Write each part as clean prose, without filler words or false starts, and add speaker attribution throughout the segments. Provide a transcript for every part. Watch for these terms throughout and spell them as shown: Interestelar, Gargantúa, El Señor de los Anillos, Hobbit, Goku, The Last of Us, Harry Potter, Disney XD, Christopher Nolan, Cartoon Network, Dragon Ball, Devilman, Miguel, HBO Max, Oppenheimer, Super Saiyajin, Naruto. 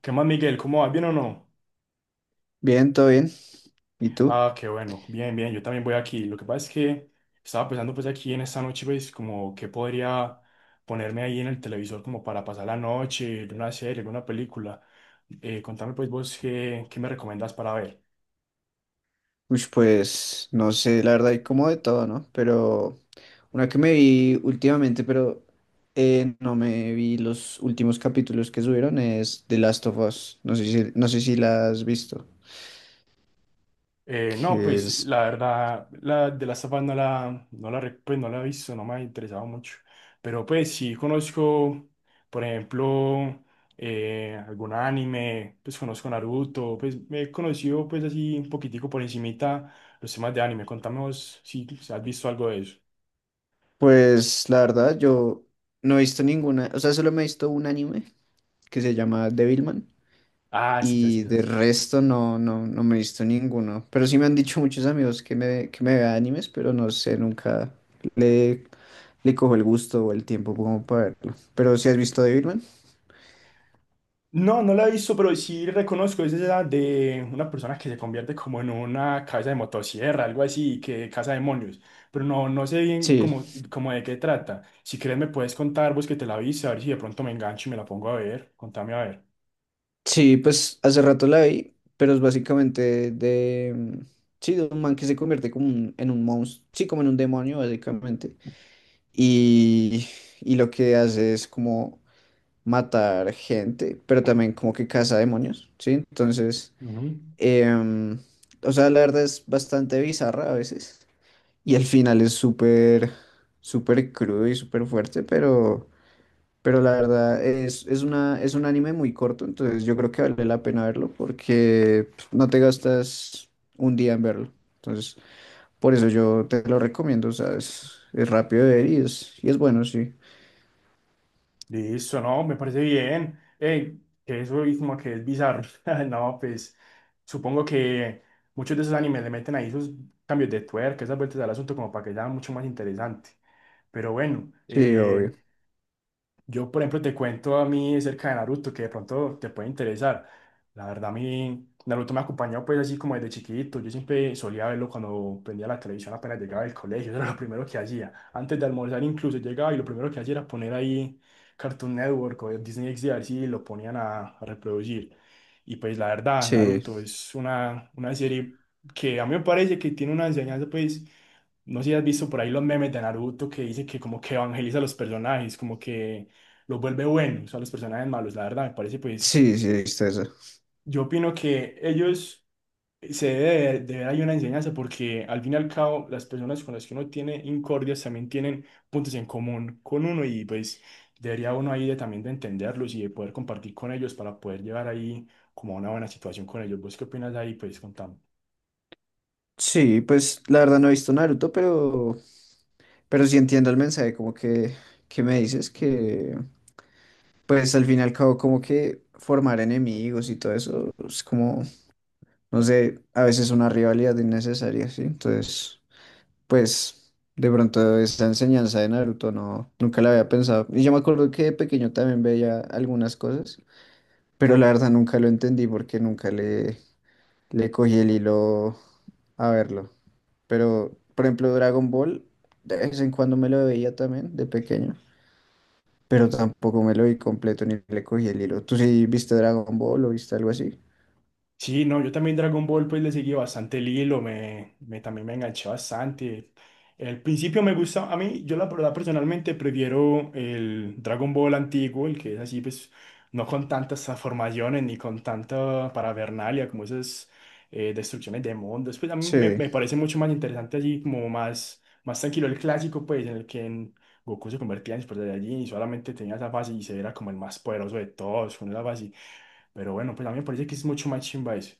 Speaker 1: ¿Qué más, Miguel? ¿Cómo vas? ¿Bien o no?
Speaker 2: Bien, todo bien. ¿Y tú?
Speaker 1: Ah, qué bueno. Bien, bien. Yo también voy aquí. Lo que pasa es que estaba pensando pues aquí en esta noche, pues como que podría ponerme ahí en el televisor como para pasar la noche, una serie, una película. Contame pues vos qué, qué me recomendás para ver.
Speaker 2: Ush, pues no sé, la verdad hay como de todo, ¿no? Pero una que me vi últimamente, no me vi los últimos capítulos que subieron es The Last of Us. No sé si la has visto.
Speaker 1: No,
Speaker 2: Que
Speaker 1: pues
Speaker 2: es,
Speaker 1: la verdad, la de la Us no la, pues, no la he visto, no me ha interesado mucho. Pero pues sí conozco, por ejemplo, algún anime, pues conozco Naruto, pues me he conocido pues así un poquitico por encimita los temas de anime. Contame vos si has visto algo de eso.
Speaker 2: pues la verdad yo no he visto ninguna, o sea, solo me he visto un anime que se llama Devilman.
Speaker 1: Ah, sí, sí, sí.
Speaker 2: Y
Speaker 1: Sí,
Speaker 2: de
Speaker 1: sí.
Speaker 2: resto no, no, no me he visto ninguno. Pero sí me han dicho muchos amigos que me vea animes, pero no sé, nunca le, le cojo el gusto o el tiempo como para verlo. ¿Pero si has visto Devilman?
Speaker 1: No, no la he visto, pero sí reconozco, es esa de una persona que se convierte como en una cabeza de motosierra, algo así, que caza demonios, pero no, no sé bien
Speaker 2: Sí.
Speaker 1: cómo, cómo de qué trata. Si quieres me puedes contar vos que te la viste, a ver si de pronto me engancho y me la pongo a ver, contame a ver.
Speaker 2: Sí, pues hace rato la vi, pero es básicamente de, sí, de un man que se convierte como en un monstruo, sí, como en un demonio básicamente. Y, y lo que hace es como matar gente, pero también como que caza demonios, ¿sí? Entonces.
Speaker 1: Ujú.
Speaker 2: Em, o sea, la verdad es bastante bizarra a veces. Y el final es súper, súper crudo y súper fuerte, pero la verdad es un anime muy corto, entonces yo creo que vale la pena verlo porque pues, no te gastas un día en verlo. Entonces, por eso yo te lo recomiendo, ¿sabes? Es rápido de ver y es bueno, sí.
Speaker 1: Listo, no, me parece bien. Ey, que eso es como que es bizarro. No, pues supongo que muchos de esos animes le meten ahí esos cambios de tuerca, esas vueltas al asunto como para que sea mucho más interesante. Pero bueno,
Speaker 2: Sí, obvio.
Speaker 1: yo, por ejemplo, te cuento a mí acerca de Naruto, que de pronto te puede interesar. La verdad, a mí Naruto me acompañó pues así como desde chiquito. Yo siempre solía verlo cuando prendía la televisión apenas llegaba del colegio. Eso era lo primero que hacía. Antes de almorzar incluso llegaba y lo primero que hacía era poner ahí Cartoon Network o Disney XD a ver si lo ponían a reproducir. Y pues la verdad,
Speaker 2: Sí,
Speaker 1: Naruto es una serie que a mí me parece que tiene una enseñanza pues... No sé si has visto por ahí los memes de Naruto que dice que como que evangeliza a los personajes, como que los vuelve buenos a los personajes malos, la verdad, me parece pues,
Speaker 2: sí, sí, está eso.
Speaker 1: yo opino que ellos se debe de ver ahí una enseñanza porque al fin y al cabo las personas con las que uno tiene incordias también tienen puntos en común con uno y pues debería uno ahí de, también de entenderlos y de poder compartir con ellos para poder llevar ahí como a una buena situación con ellos. ¿Vos qué opinas de ahí? Pues contame.
Speaker 2: Sí, pues la verdad no he visto Naruto, pero sí entiendo el mensaje, como que me dices que, pues al fin y al cabo, como que formar enemigos y todo eso es como, no sé, a veces una rivalidad innecesaria, ¿sí? Entonces, pues de pronto esa enseñanza de Naruto no, nunca la había pensado. Y yo me acuerdo que de pequeño también veía algunas cosas, pero la verdad nunca lo entendí porque nunca le cogí el hilo a verlo. Pero, por ejemplo, Dragon Ball, de vez en cuando me lo veía también de pequeño. Pero tampoco me lo vi completo ni le cogí el hilo. ¿Tú sí viste Dragon Ball o viste algo así?
Speaker 1: Sí, no, yo también Dragon Ball pues le seguí bastante el hilo, también me enganché bastante. El principio me gusta, a mí, yo la verdad personalmente prefiero el Dragon Ball antiguo, el que es así pues no con tantas transformaciones ni con tanta paravernalia como esas destrucciones de mundos, pues a mí me,
Speaker 2: Sí,
Speaker 1: me parece mucho más interesante así como más, más tranquilo el clásico pues en el que en Goku se convertía en Super Saiyajin y solamente tenía esa fase y se era como el más poderoso de todos con esa fase. Pero bueno, pues a mí me parece que es mucho más chimba eso.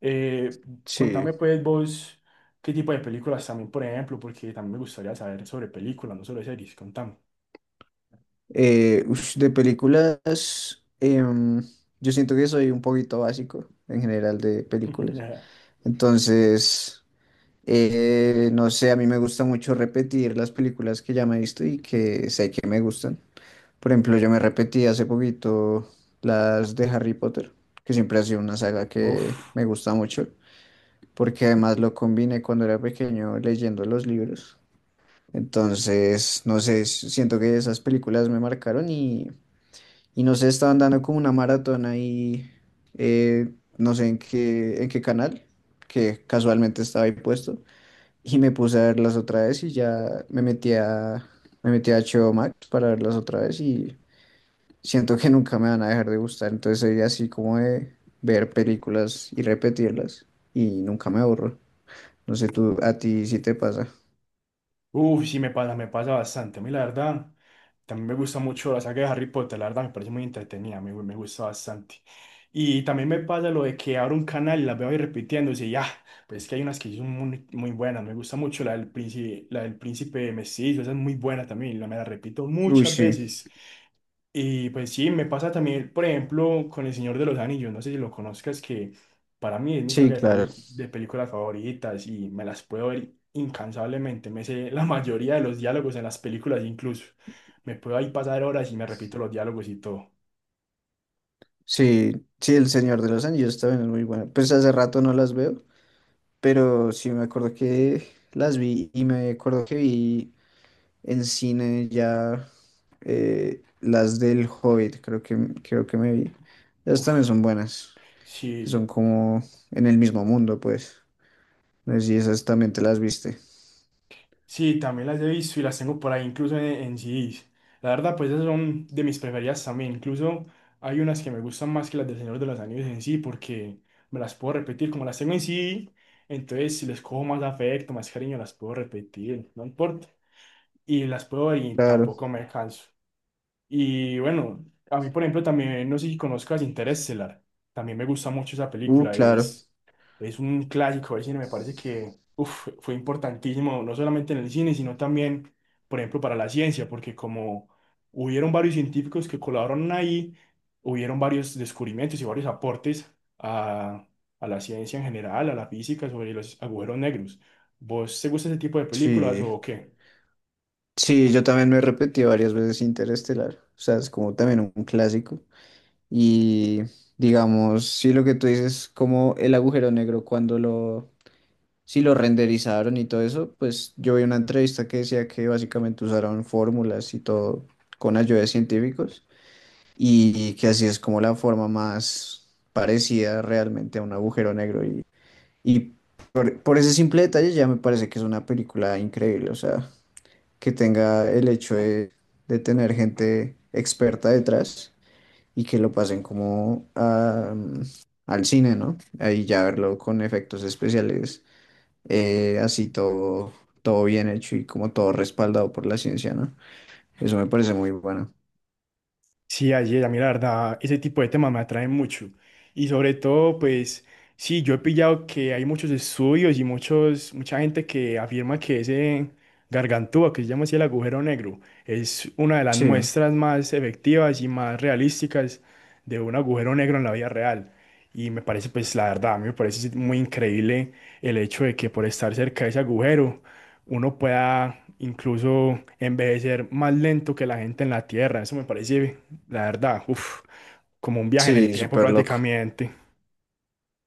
Speaker 1: Eh,
Speaker 2: sí.
Speaker 1: Contame pues vos qué tipo de películas también, por ejemplo, porque también me gustaría saber sobre películas, no sobre series, contame.
Speaker 2: Ush, de películas, yo siento que soy un poquito básico en general de películas. Entonces, no sé, a mí me gusta mucho repetir las películas que ya me he visto y que sé que me gustan. Por ejemplo, yo me repetí hace poquito las de Harry Potter, que siempre ha sido una saga que
Speaker 1: Uf,
Speaker 2: me gusta mucho, porque además lo combiné cuando era pequeño leyendo los libros. Entonces, no sé, siento que esas películas me marcaron y no sé, estaban dando como una maratón ahí, eh, no sé en qué canal, que casualmente estaba ahí puesto, y me puse a verlas otra vez y ya me metí a HBO Max para verlas otra vez y siento que nunca me van a dejar de gustar, entonces soy así como de ver películas y repetirlas y nunca me aburro. No sé, tú, a ti sí te pasa.
Speaker 1: uf, sí me pasa bastante. A mí la verdad. También me gusta mucho la saga de Harry Potter, la verdad me parece muy entretenida, me gusta bastante. Y también me pasa lo de que abro un canal y las veo ahí repitiendo y ya, pues es que hay unas que sí son muy, muy buenas, me gusta mucho la del príncipe mestizo, esa es muy buena también, la me la repito
Speaker 2: Uy,
Speaker 1: muchas
Speaker 2: sí,
Speaker 1: veces. Y pues sí, me pasa también, por ejemplo, con El Señor de los Anillos, no sé si lo conozcas, que para mí es mi
Speaker 2: sí,
Speaker 1: saga de,
Speaker 2: claro.
Speaker 1: de películas favoritas y me las puedo ver incansablemente, me sé la mayoría de los diálogos en las películas incluso, me puedo ahí pasar horas y me repito los diálogos y todo.
Speaker 2: Sí, sí, El Señor de los Anillos también es muy bueno. Pues hace rato no las veo, pero sí me acuerdo que las vi y me acuerdo que vi en cine ya, las del Hobbit, creo que me vi. Esas también
Speaker 1: Uf,
Speaker 2: son buenas, que
Speaker 1: sí.
Speaker 2: son como en el mismo mundo, pues. No sé si esas también te las viste.
Speaker 1: Sí, también las he visto y las tengo por ahí, incluso en CDs. La verdad, pues esas son de mis preferidas también. Incluso hay unas que me gustan más que las del Señor de los Anillos en sí, porque me las puedo repetir. Como las tengo en CD, entonces si les cojo más afecto, más cariño, las puedo repetir, no importa. Y las puedo ver y
Speaker 2: Claro.
Speaker 1: tampoco me canso. Y bueno, a mí, por ejemplo, también, no sé si conozcas Interestelar. También me gusta mucho esa película.
Speaker 2: Claro.
Speaker 1: Es un clásico del cine, me parece que uf, fue importantísimo, no solamente en el cine, sino también, por ejemplo, para la ciencia, porque como hubieron varios científicos que colaboraron ahí, hubieron varios descubrimientos y varios aportes a, a la ciencia en general, a la física, sobre los agujeros negros. ¿Vos te gusta ese tipo de películas
Speaker 2: Sí.
Speaker 1: o qué?
Speaker 2: Sí, yo también me he repetido varias veces Interestelar. O sea, es como también un clásico. Y digamos, sí, lo que tú dices, como el agujero negro, cuando sí lo renderizaron y todo eso, pues yo vi una entrevista que decía que básicamente usaron fórmulas y todo con ayuda de científicos y que así es como la forma más parecida realmente a un agujero negro. Y por ese simple detalle ya me parece que es una película increíble. O sea, que tenga el hecho de tener gente experta detrás y que lo pasen como al cine, ¿no? Ahí ya verlo con efectos especiales, así todo, todo bien hecho y como todo respaldado por la ciencia, ¿no? Eso me parece muy bueno.
Speaker 1: Sí, así es, a mí la verdad, ese tipo de temas me atraen mucho. Y sobre todo, pues, sí, yo he pillado que hay muchos estudios y muchos, mucha gente que afirma que ese gargantúa, que se llama así el agujero negro, es una de las
Speaker 2: Sí,
Speaker 1: muestras más efectivas y más realísticas de un agujero negro en la vida real. Y me parece, pues, la verdad, a mí me parece muy increíble el hecho de que por estar cerca de ese agujero, uno pueda incluso envejecer más lento que la gente en la Tierra. Eso me parece la verdad, uff, como un viaje en el
Speaker 2: sí,
Speaker 1: tiempo
Speaker 2: súper loco.
Speaker 1: prácticamente.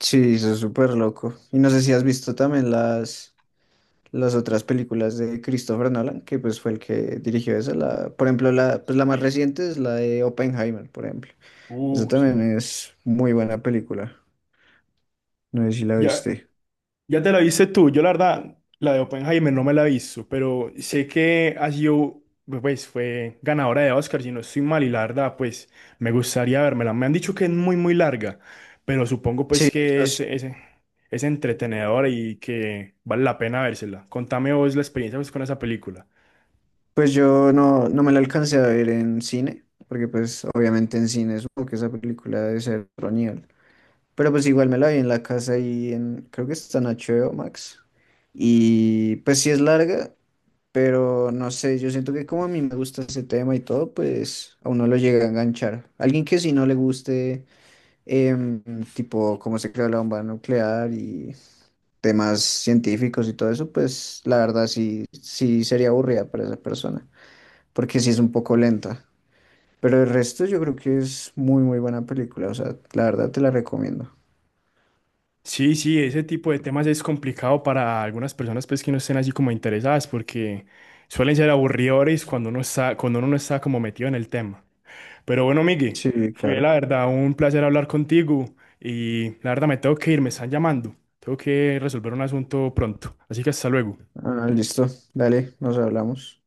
Speaker 2: Sí, eso es súper loco. Y no sé si has visto también las otras películas de Christopher Nolan, que pues fue el que dirigió esa. Por ejemplo, pues la más
Speaker 1: Sí.
Speaker 2: reciente es la de Oppenheimer, por ejemplo. Esa
Speaker 1: Sí.
Speaker 2: también es muy buena película. No sé si la
Speaker 1: Ya,
Speaker 2: viste.
Speaker 1: ya te la viste tú, yo la verdad, la de Oppenheimer no me la he visto, pero sé que ha sido, pues fue ganadora de Oscar, si no estoy mal, y la verdad, pues me gustaría vérmela. Me han dicho que es muy, muy larga, pero supongo pues
Speaker 2: Sí,
Speaker 1: que
Speaker 2: yo sé.
Speaker 1: es entretenedora y que vale la pena vérsela. Contame vos la experiencia pues, con esa película.
Speaker 2: Pues yo no me la alcancé a ver en cine, porque pues obviamente en cine supongo que esa película debe ser otro nivel. Pero pues igual me la vi en la casa y creo que está en HBO Max. Y pues sí es larga, pero no sé, yo siento que como a mí me gusta ese tema y todo, pues a uno lo llega a enganchar. Alguien que si no le guste, em, tipo cómo se creó la bomba nuclear y temas científicos y todo eso, pues la verdad sí, sí sería aburrida para esa persona, porque sí es un poco lenta. Pero el resto yo creo que es muy, muy buena película, o sea, la verdad te la recomiendo.
Speaker 1: Sí, sí, ese tipo de temas es complicado para algunas personas pues que no estén así como interesadas porque suelen ser aburridores cuando uno está, cuando uno no está como metido en el tema. Pero bueno, Miguel,
Speaker 2: Sí,
Speaker 1: fue
Speaker 2: claro.
Speaker 1: la verdad un placer hablar contigo y la verdad me tengo que ir, me están llamando. Tengo que resolver un asunto pronto. Así que hasta luego.
Speaker 2: Ah, listo, dale, nos hablamos.